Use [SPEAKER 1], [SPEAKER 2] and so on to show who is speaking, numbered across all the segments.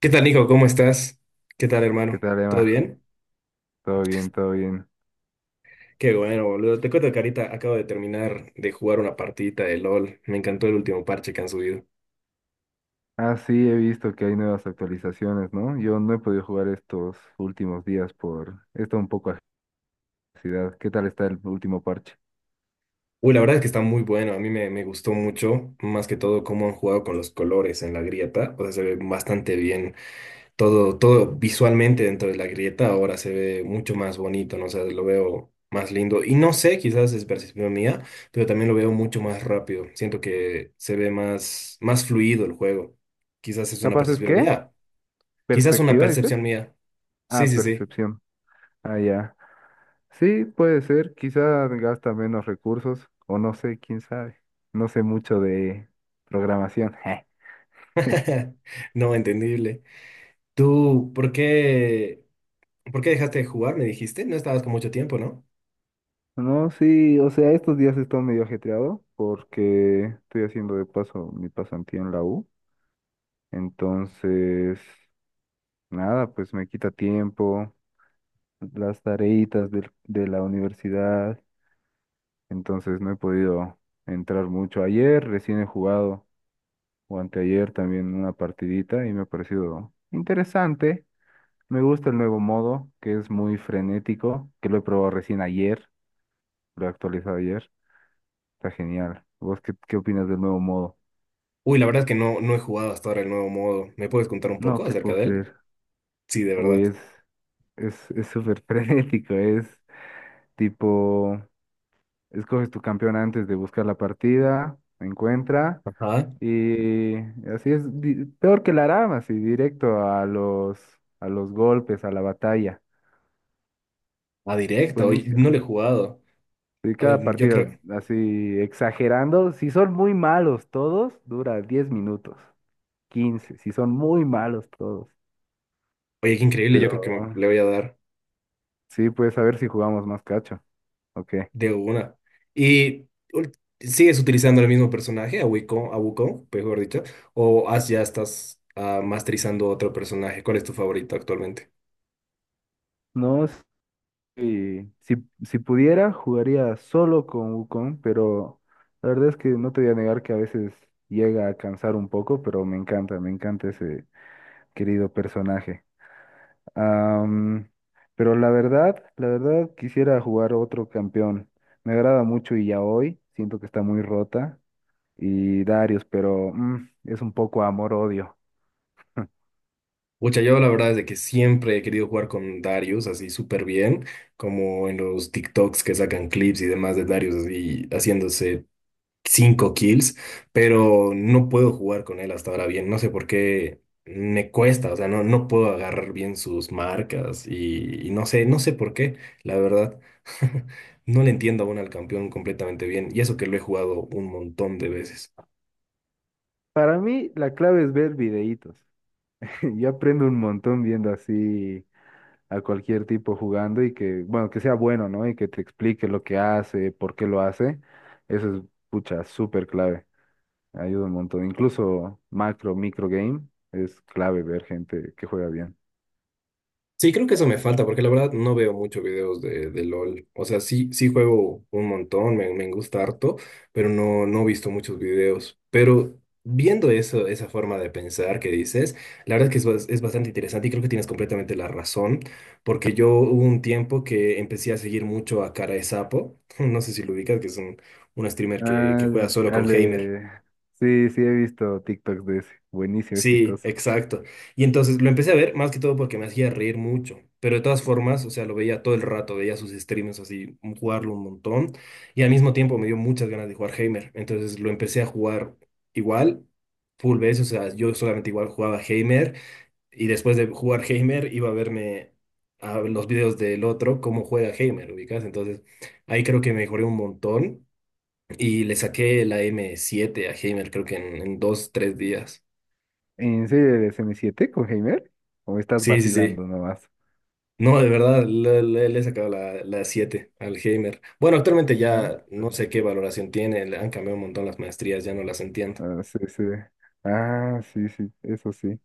[SPEAKER 1] ¿Qué tal, hijo? ¿Cómo estás? ¿Qué tal,
[SPEAKER 2] ¿Qué
[SPEAKER 1] hermano?
[SPEAKER 2] tal,
[SPEAKER 1] ¿Todo
[SPEAKER 2] Emma?
[SPEAKER 1] bien?
[SPEAKER 2] Todo bien, todo bien.
[SPEAKER 1] Qué bueno, boludo. Te cuento, carita, acabo de terminar de jugar una partidita de LOL. Me encantó el último parche que han subido.
[SPEAKER 2] Ah, sí, he visto que hay nuevas actualizaciones, ¿no? Yo no he podido jugar estos últimos días por esta un poco ansiedad. ¿Qué tal está el último parche?
[SPEAKER 1] Uy, la verdad es que está muy bueno. A mí me gustó mucho, más que todo, cómo han jugado con los colores en la grieta. O sea, se ve bastante bien todo visualmente dentro de la grieta ahora se ve mucho más bonito, ¿no? O sea, lo veo más lindo. Y no sé, quizás es percepción mía, pero también lo veo mucho más rápido. Siento que se ve más fluido el juego. Quizás es una
[SPEAKER 2] ¿Capaz es
[SPEAKER 1] percepción
[SPEAKER 2] qué?
[SPEAKER 1] mía. Quizás una
[SPEAKER 2] ¿Perspectiva, dices?
[SPEAKER 1] percepción mía. Sí,
[SPEAKER 2] Ah,
[SPEAKER 1] sí, sí.
[SPEAKER 2] percepción. Ah, ya. Sí, puede ser. Quizá gasta menos recursos, o no sé, quién sabe. No sé mucho de programación.
[SPEAKER 1] No, entendible. ¿Tú por qué dejaste de jugar? Me dijiste, no estabas con mucho tiempo, ¿no?
[SPEAKER 2] No, sí, o sea, estos días he estado medio ajetreado porque estoy haciendo de paso mi pasantía en la U. Entonces, nada, pues me quita tiempo, las tareitas del- de, la universidad, entonces no he podido entrar mucho. Ayer recién he jugado, o anteayer también una partidita y me ha parecido interesante. Me gusta el nuevo modo, que es muy frenético, que lo he probado recién ayer, lo he actualizado ayer, está genial. ¿Vos qué, qué opinas del nuevo modo?
[SPEAKER 1] Uy, la verdad es que no he jugado hasta ahora el nuevo modo. ¿Me puedes contar un
[SPEAKER 2] No
[SPEAKER 1] poco
[SPEAKER 2] te
[SPEAKER 1] acerca
[SPEAKER 2] puedo
[SPEAKER 1] de él?
[SPEAKER 2] creer.
[SPEAKER 1] Sí, de verdad.
[SPEAKER 2] Uy, es súper frenético, es tipo... Escoges tu campeón antes de buscar la partida, encuentra
[SPEAKER 1] Ajá.
[SPEAKER 2] y así es peor que la rama, así directo a los golpes, a la batalla.
[SPEAKER 1] Ah, directo. Oye, no
[SPEAKER 2] Buenísimo.
[SPEAKER 1] le he jugado.
[SPEAKER 2] Y cada
[SPEAKER 1] Yo
[SPEAKER 2] partida,
[SPEAKER 1] creo.
[SPEAKER 2] así exagerando, si son muy malos todos, dura 10 minutos, 15 si son muy malos todos.
[SPEAKER 1] Oye, qué increíble. Yo
[SPEAKER 2] Pero
[SPEAKER 1] creo que le voy a dar
[SPEAKER 2] sí, pues a ver si jugamos más cacho. Ok.
[SPEAKER 1] de una. ¿Y ul- Sigues utilizando el mismo personaje, a Wukong, mejor dicho? ¿ Ya estás masterizando otro personaje? ¿Cuál es tu favorito actualmente?
[SPEAKER 2] No. Sí, si pudiera, jugaría solo con Wukong, pero la verdad es que no te voy a negar que a veces llega a cansar un poco, pero me encanta ese querido personaje. Am, pero la verdad quisiera jugar otro campeón. Me agrada mucho y ya hoy siento que está muy rota. Y Darius, pero es un poco amor-odio.
[SPEAKER 1] Pucha, yo la verdad es de que siempre he querido jugar con Darius así súper bien, como en los TikToks que sacan clips y demás de Darius así haciéndose cinco kills, pero no puedo jugar con él hasta ahora bien. No sé por qué me cuesta, o sea, no puedo agarrar bien sus marcas y no sé, no sé por qué, la verdad. No le entiendo aún al campeón completamente bien, y eso que lo he jugado un montón de veces.
[SPEAKER 2] Para mí, la clave es ver videitos. Yo aprendo un montón viendo así a cualquier tipo jugando y que, bueno, que sea bueno, ¿no? Y que te explique lo que hace, por qué lo hace. Eso es, pucha, súper clave. Ayuda un montón. Incluso macro, micro game, es clave ver gente que juega bien.
[SPEAKER 1] Sí, creo que eso me falta, porque la verdad no veo muchos videos de LOL. O sea, sí, sí juego un montón, me gusta harto, pero no, no he visto muchos videos. Pero viendo eso, esa forma de pensar que dices, la verdad que es bastante interesante y creo que tienes completamente la razón, porque yo hubo un tiempo que empecé a seguir mucho a Cara de Sapo, no sé si lo ubicas, que es un streamer que
[SPEAKER 2] Ah,
[SPEAKER 1] juega solo con
[SPEAKER 2] al
[SPEAKER 1] Heimer.
[SPEAKER 2] de... Sí, sí, he visto TikToks de ese. Buenísimo, es
[SPEAKER 1] Sí,
[SPEAKER 2] chistoso.
[SPEAKER 1] exacto. Y entonces lo empecé a ver más que todo porque me hacía reír mucho. Pero de todas formas, o sea, lo veía todo el rato, veía sus streams así, jugarlo un montón. Y al mismo tiempo me dio muchas ganas de jugar Heimer. Entonces lo empecé a jugar igual, full veces. O sea, yo solamente igual jugaba Heimer. Y después de jugar Heimer, iba a verme a los videos del otro, cómo juega Heimer, ubicas. Entonces ahí creo que mejoré un montón. Y le saqué la m siete a Heimer, creo que en dos, tres días.
[SPEAKER 2] ¿En serio eres M7 con Heimer? ¿O estás
[SPEAKER 1] Sí, sí, sí.
[SPEAKER 2] vacilando nomás?
[SPEAKER 1] No, de verdad, le he sacado la al Heimer. Bueno, actualmente
[SPEAKER 2] ¿Ah?
[SPEAKER 1] ya no sé qué valoración tiene, le han cambiado un montón las maestrías, ya no las entiendo.
[SPEAKER 2] Ah, sí, sí. Ah, sí, sí, eso sí.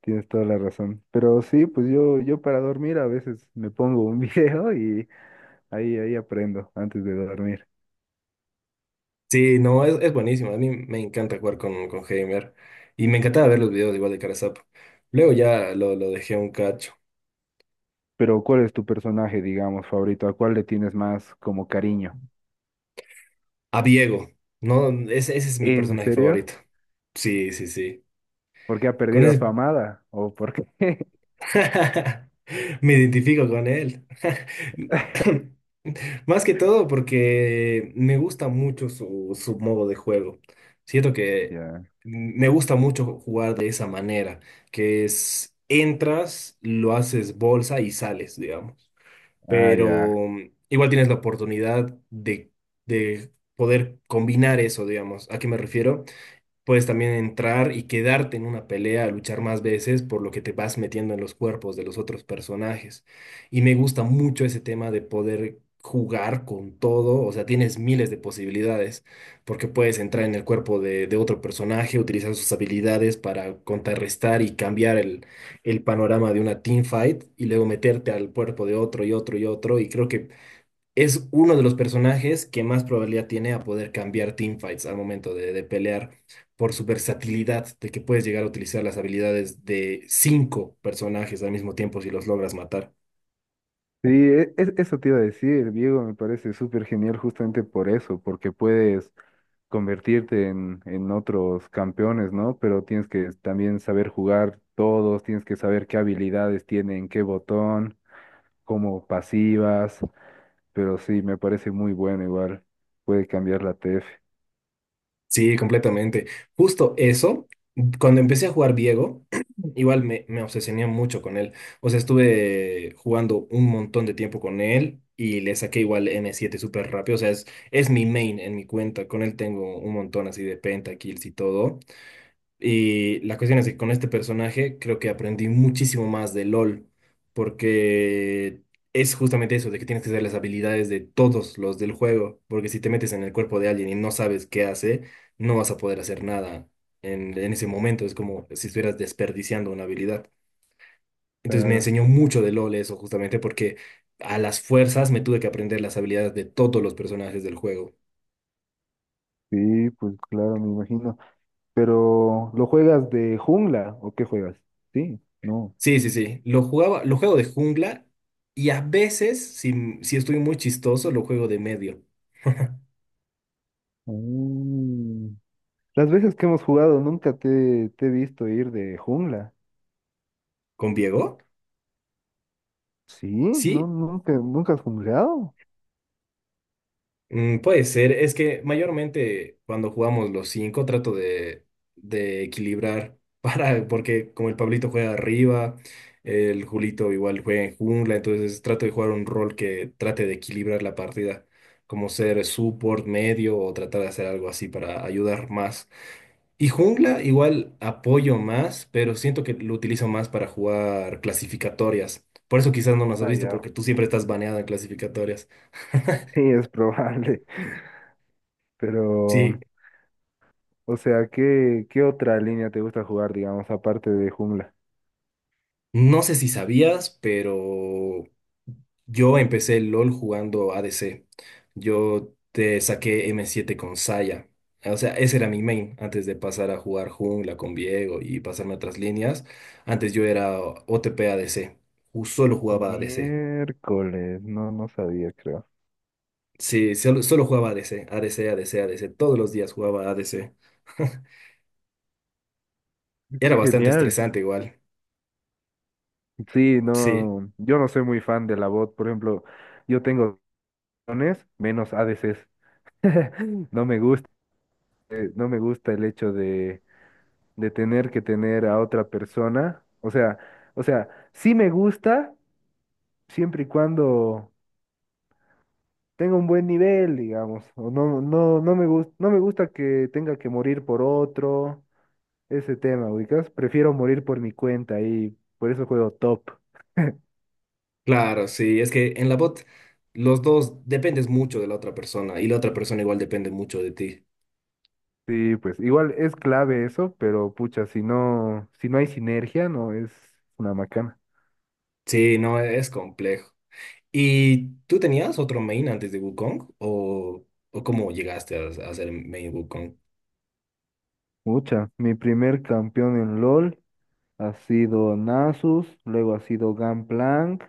[SPEAKER 2] Tienes toda la razón. Pero sí, pues yo para dormir a veces me pongo un video y ahí aprendo antes de dormir.
[SPEAKER 1] Sí, no, es buenísimo, a mí me encanta jugar con Heimer y me encantaba ver los videos igual de Carasap. Luego ya lo dejé un cacho.
[SPEAKER 2] Pero ¿cuál es tu personaje, digamos, favorito? ¿A cuál le tienes más como cariño?
[SPEAKER 1] A Viego, no, ese es mi
[SPEAKER 2] ¿En
[SPEAKER 1] personaje
[SPEAKER 2] serio?
[SPEAKER 1] favorito. Sí, sí, sí.
[SPEAKER 2] ¿Porque ha
[SPEAKER 1] Con
[SPEAKER 2] perdido a
[SPEAKER 1] ese
[SPEAKER 2] su amada? ¿O por qué?
[SPEAKER 1] me identifico con él. Más que todo porque me gusta mucho su modo de juego. Siento que
[SPEAKER 2] Ya.
[SPEAKER 1] me gusta mucho jugar de esa manera, que es entras, lo haces bolsa y sales, digamos.
[SPEAKER 2] Ah,
[SPEAKER 1] Pero
[SPEAKER 2] ya.
[SPEAKER 1] igual tienes la oportunidad de poder combinar eso, digamos. ¿A qué me refiero? Puedes también entrar y quedarte en una pelea, luchar más veces, por lo que te vas metiendo en los cuerpos de los otros personajes. Y me gusta mucho ese tema de poder jugar con todo, o sea, tienes miles de posibilidades, porque puedes entrar en el cuerpo de otro personaje, utilizar sus habilidades para contrarrestar y cambiar el panorama de una teamfight, y luego meterte al cuerpo de otro y otro y otro, y creo que es uno de los personajes que más probabilidad tiene a poder cambiar teamfights al momento de pelear por su versatilidad, de que puedes llegar a utilizar las habilidades de cinco personajes al mismo tiempo si los logras matar.
[SPEAKER 2] Sí, eso te iba a decir, Diego, me parece súper genial justamente por eso, porque puedes convertirte en otros campeones, ¿no? Pero tienes que también saber jugar todos, tienes que saber qué habilidades tienen, qué botón, cómo pasivas, pero sí, me parece muy bueno igual, puede cambiar la TF.
[SPEAKER 1] Sí, completamente. Justo eso, cuando empecé a jugar Diego, igual me obsesioné mucho con él. O sea, estuve jugando un montón de tiempo con él. Y le saqué igual m siete súper rápido. O sea, es mi main en mi cuenta. Con él tengo un montón así de pentakills y todo. Y la cuestión es que con este personaje creo que aprendí muchísimo más de LOL, porque es justamente eso, de que tienes que saber las habilidades de todos los del juego, porque si te metes en el cuerpo de alguien y no sabes qué hace, no vas a poder hacer nada en, en ese momento, es como si estuvieras desperdiciando una habilidad. Entonces me
[SPEAKER 2] Claro,
[SPEAKER 1] enseñó mucho de LOL eso justamente porque a las fuerzas me tuve que aprender las habilidades de todos los personajes del juego.
[SPEAKER 2] sí, pues claro, me imagino. Pero, ¿lo juegas de jungla o qué juegas? Sí, no.
[SPEAKER 1] Sí, sí, sí. Lo jugaba, lo juego de jungla y a veces, si, si estoy muy chistoso, lo juego de medio.
[SPEAKER 2] Mm. Las veces que hemos jugado nunca te he visto ir de jungla.
[SPEAKER 1] ¿Con Diego?
[SPEAKER 2] Sí, no,
[SPEAKER 1] Sí,
[SPEAKER 2] nunca has jungleado.
[SPEAKER 1] puede ser. Es que mayormente cuando jugamos los cinco trato de equilibrar para, porque como el Pablito juega arriba, el Julito igual juega en jungla, entonces trato de jugar un rol que trate de equilibrar la partida, como ser support, medio o tratar de hacer algo así para ayudar más. Y jungla igual apoyo más, pero siento que lo utilizo más para jugar clasificatorias. Por eso quizás no nos has
[SPEAKER 2] Ah,
[SPEAKER 1] visto,
[SPEAKER 2] ya.
[SPEAKER 1] porque tú siempre estás baneada en clasificatorias.
[SPEAKER 2] Sí, es probable. Pero,
[SPEAKER 1] Sí,
[SPEAKER 2] o sea, ¿qué, qué otra línea te gusta jugar, digamos, aparte de jungla?
[SPEAKER 1] no sé si sabías, pero yo empecé el LOL jugando ADC. Yo te saqué m siete con Saya. O sea, ese era mi main antes de pasar a jugar jungla con Viego y pasarme a otras líneas. Antes yo era OTP ADC. Solo jugaba ADC.
[SPEAKER 2] Miércoles, no, no sabía, creo.
[SPEAKER 1] Sí, solo, solo jugaba ADC, ADC, ADC, ADC. Todos los días jugaba ADC. Era
[SPEAKER 2] Qué
[SPEAKER 1] bastante
[SPEAKER 2] genial.
[SPEAKER 1] estresante igual.
[SPEAKER 2] Sí,
[SPEAKER 1] Sí,
[SPEAKER 2] no, yo no soy muy fan de la bot, por ejemplo, yo tengo dones menos ADCs. No me gusta, no me gusta el hecho de tener que tener a otra persona. O sea, sí me gusta siempre y cuando tenga un buen nivel, digamos. O no, no me gusta, no me gusta que tenga que morir por otro, ese tema, ubicas. Prefiero morir por mi cuenta y por eso juego top.
[SPEAKER 1] claro, sí. Es que en la bot los dos dependes mucho de la otra persona y la otra persona igual depende mucho de ti.
[SPEAKER 2] Sí, pues igual es clave eso, pero pucha, si no hay sinergia, no es una macana.
[SPEAKER 1] Sí, no, es complejo. ¿Y tú tenías otro main antes de Wukong? O cómo llegaste a ser main Wukong?
[SPEAKER 2] Pucha, mi primer campeón en LOL ha sido Nasus, luego ha sido Gangplank,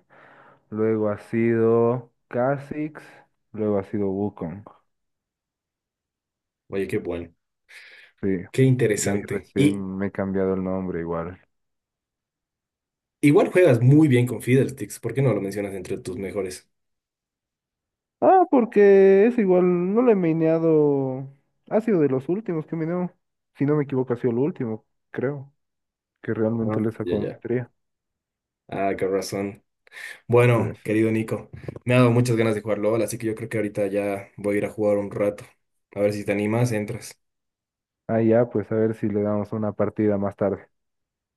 [SPEAKER 2] luego ha sido Kha'Zix, luego ha sido Wukong.
[SPEAKER 1] Oye, qué bueno.
[SPEAKER 2] Sí.
[SPEAKER 1] Qué
[SPEAKER 2] Y ahí
[SPEAKER 1] interesante. Y
[SPEAKER 2] recién me he cambiado el nombre igual.
[SPEAKER 1] igual juegas muy bien con Fiddlesticks. ¿Por qué no lo mencionas entre tus mejores?
[SPEAKER 2] Ah, porque es igual, no lo he mineado. Ha sido de los últimos que mineo. Si no me equivoco, ha sido el último, creo. Que
[SPEAKER 1] Ah,
[SPEAKER 2] realmente le
[SPEAKER 1] ya,
[SPEAKER 2] sacó
[SPEAKER 1] ya.
[SPEAKER 2] maestría.
[SPEAKER 1] Ah, qué razón.
[SPEAKER 2] Sí,
[SPEAKER 1] Bueno,
[SPEAKER 2] sí.
[SPEAKER 1] querido Nico, me ha dado muchas ganas de jugar LOL, así que yo creo que ahorita ya voy a ir a jugar un rato. A ver si te animas, entras.
[SPEAKER 2] Ah, ya, pues a ver si le damos una partida más tarde.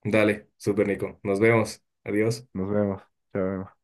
[SPEAKER 1] Dale, super Nico. Nos vemos. Adiós.
[SPEAKER 2] Nos vemos. Chao.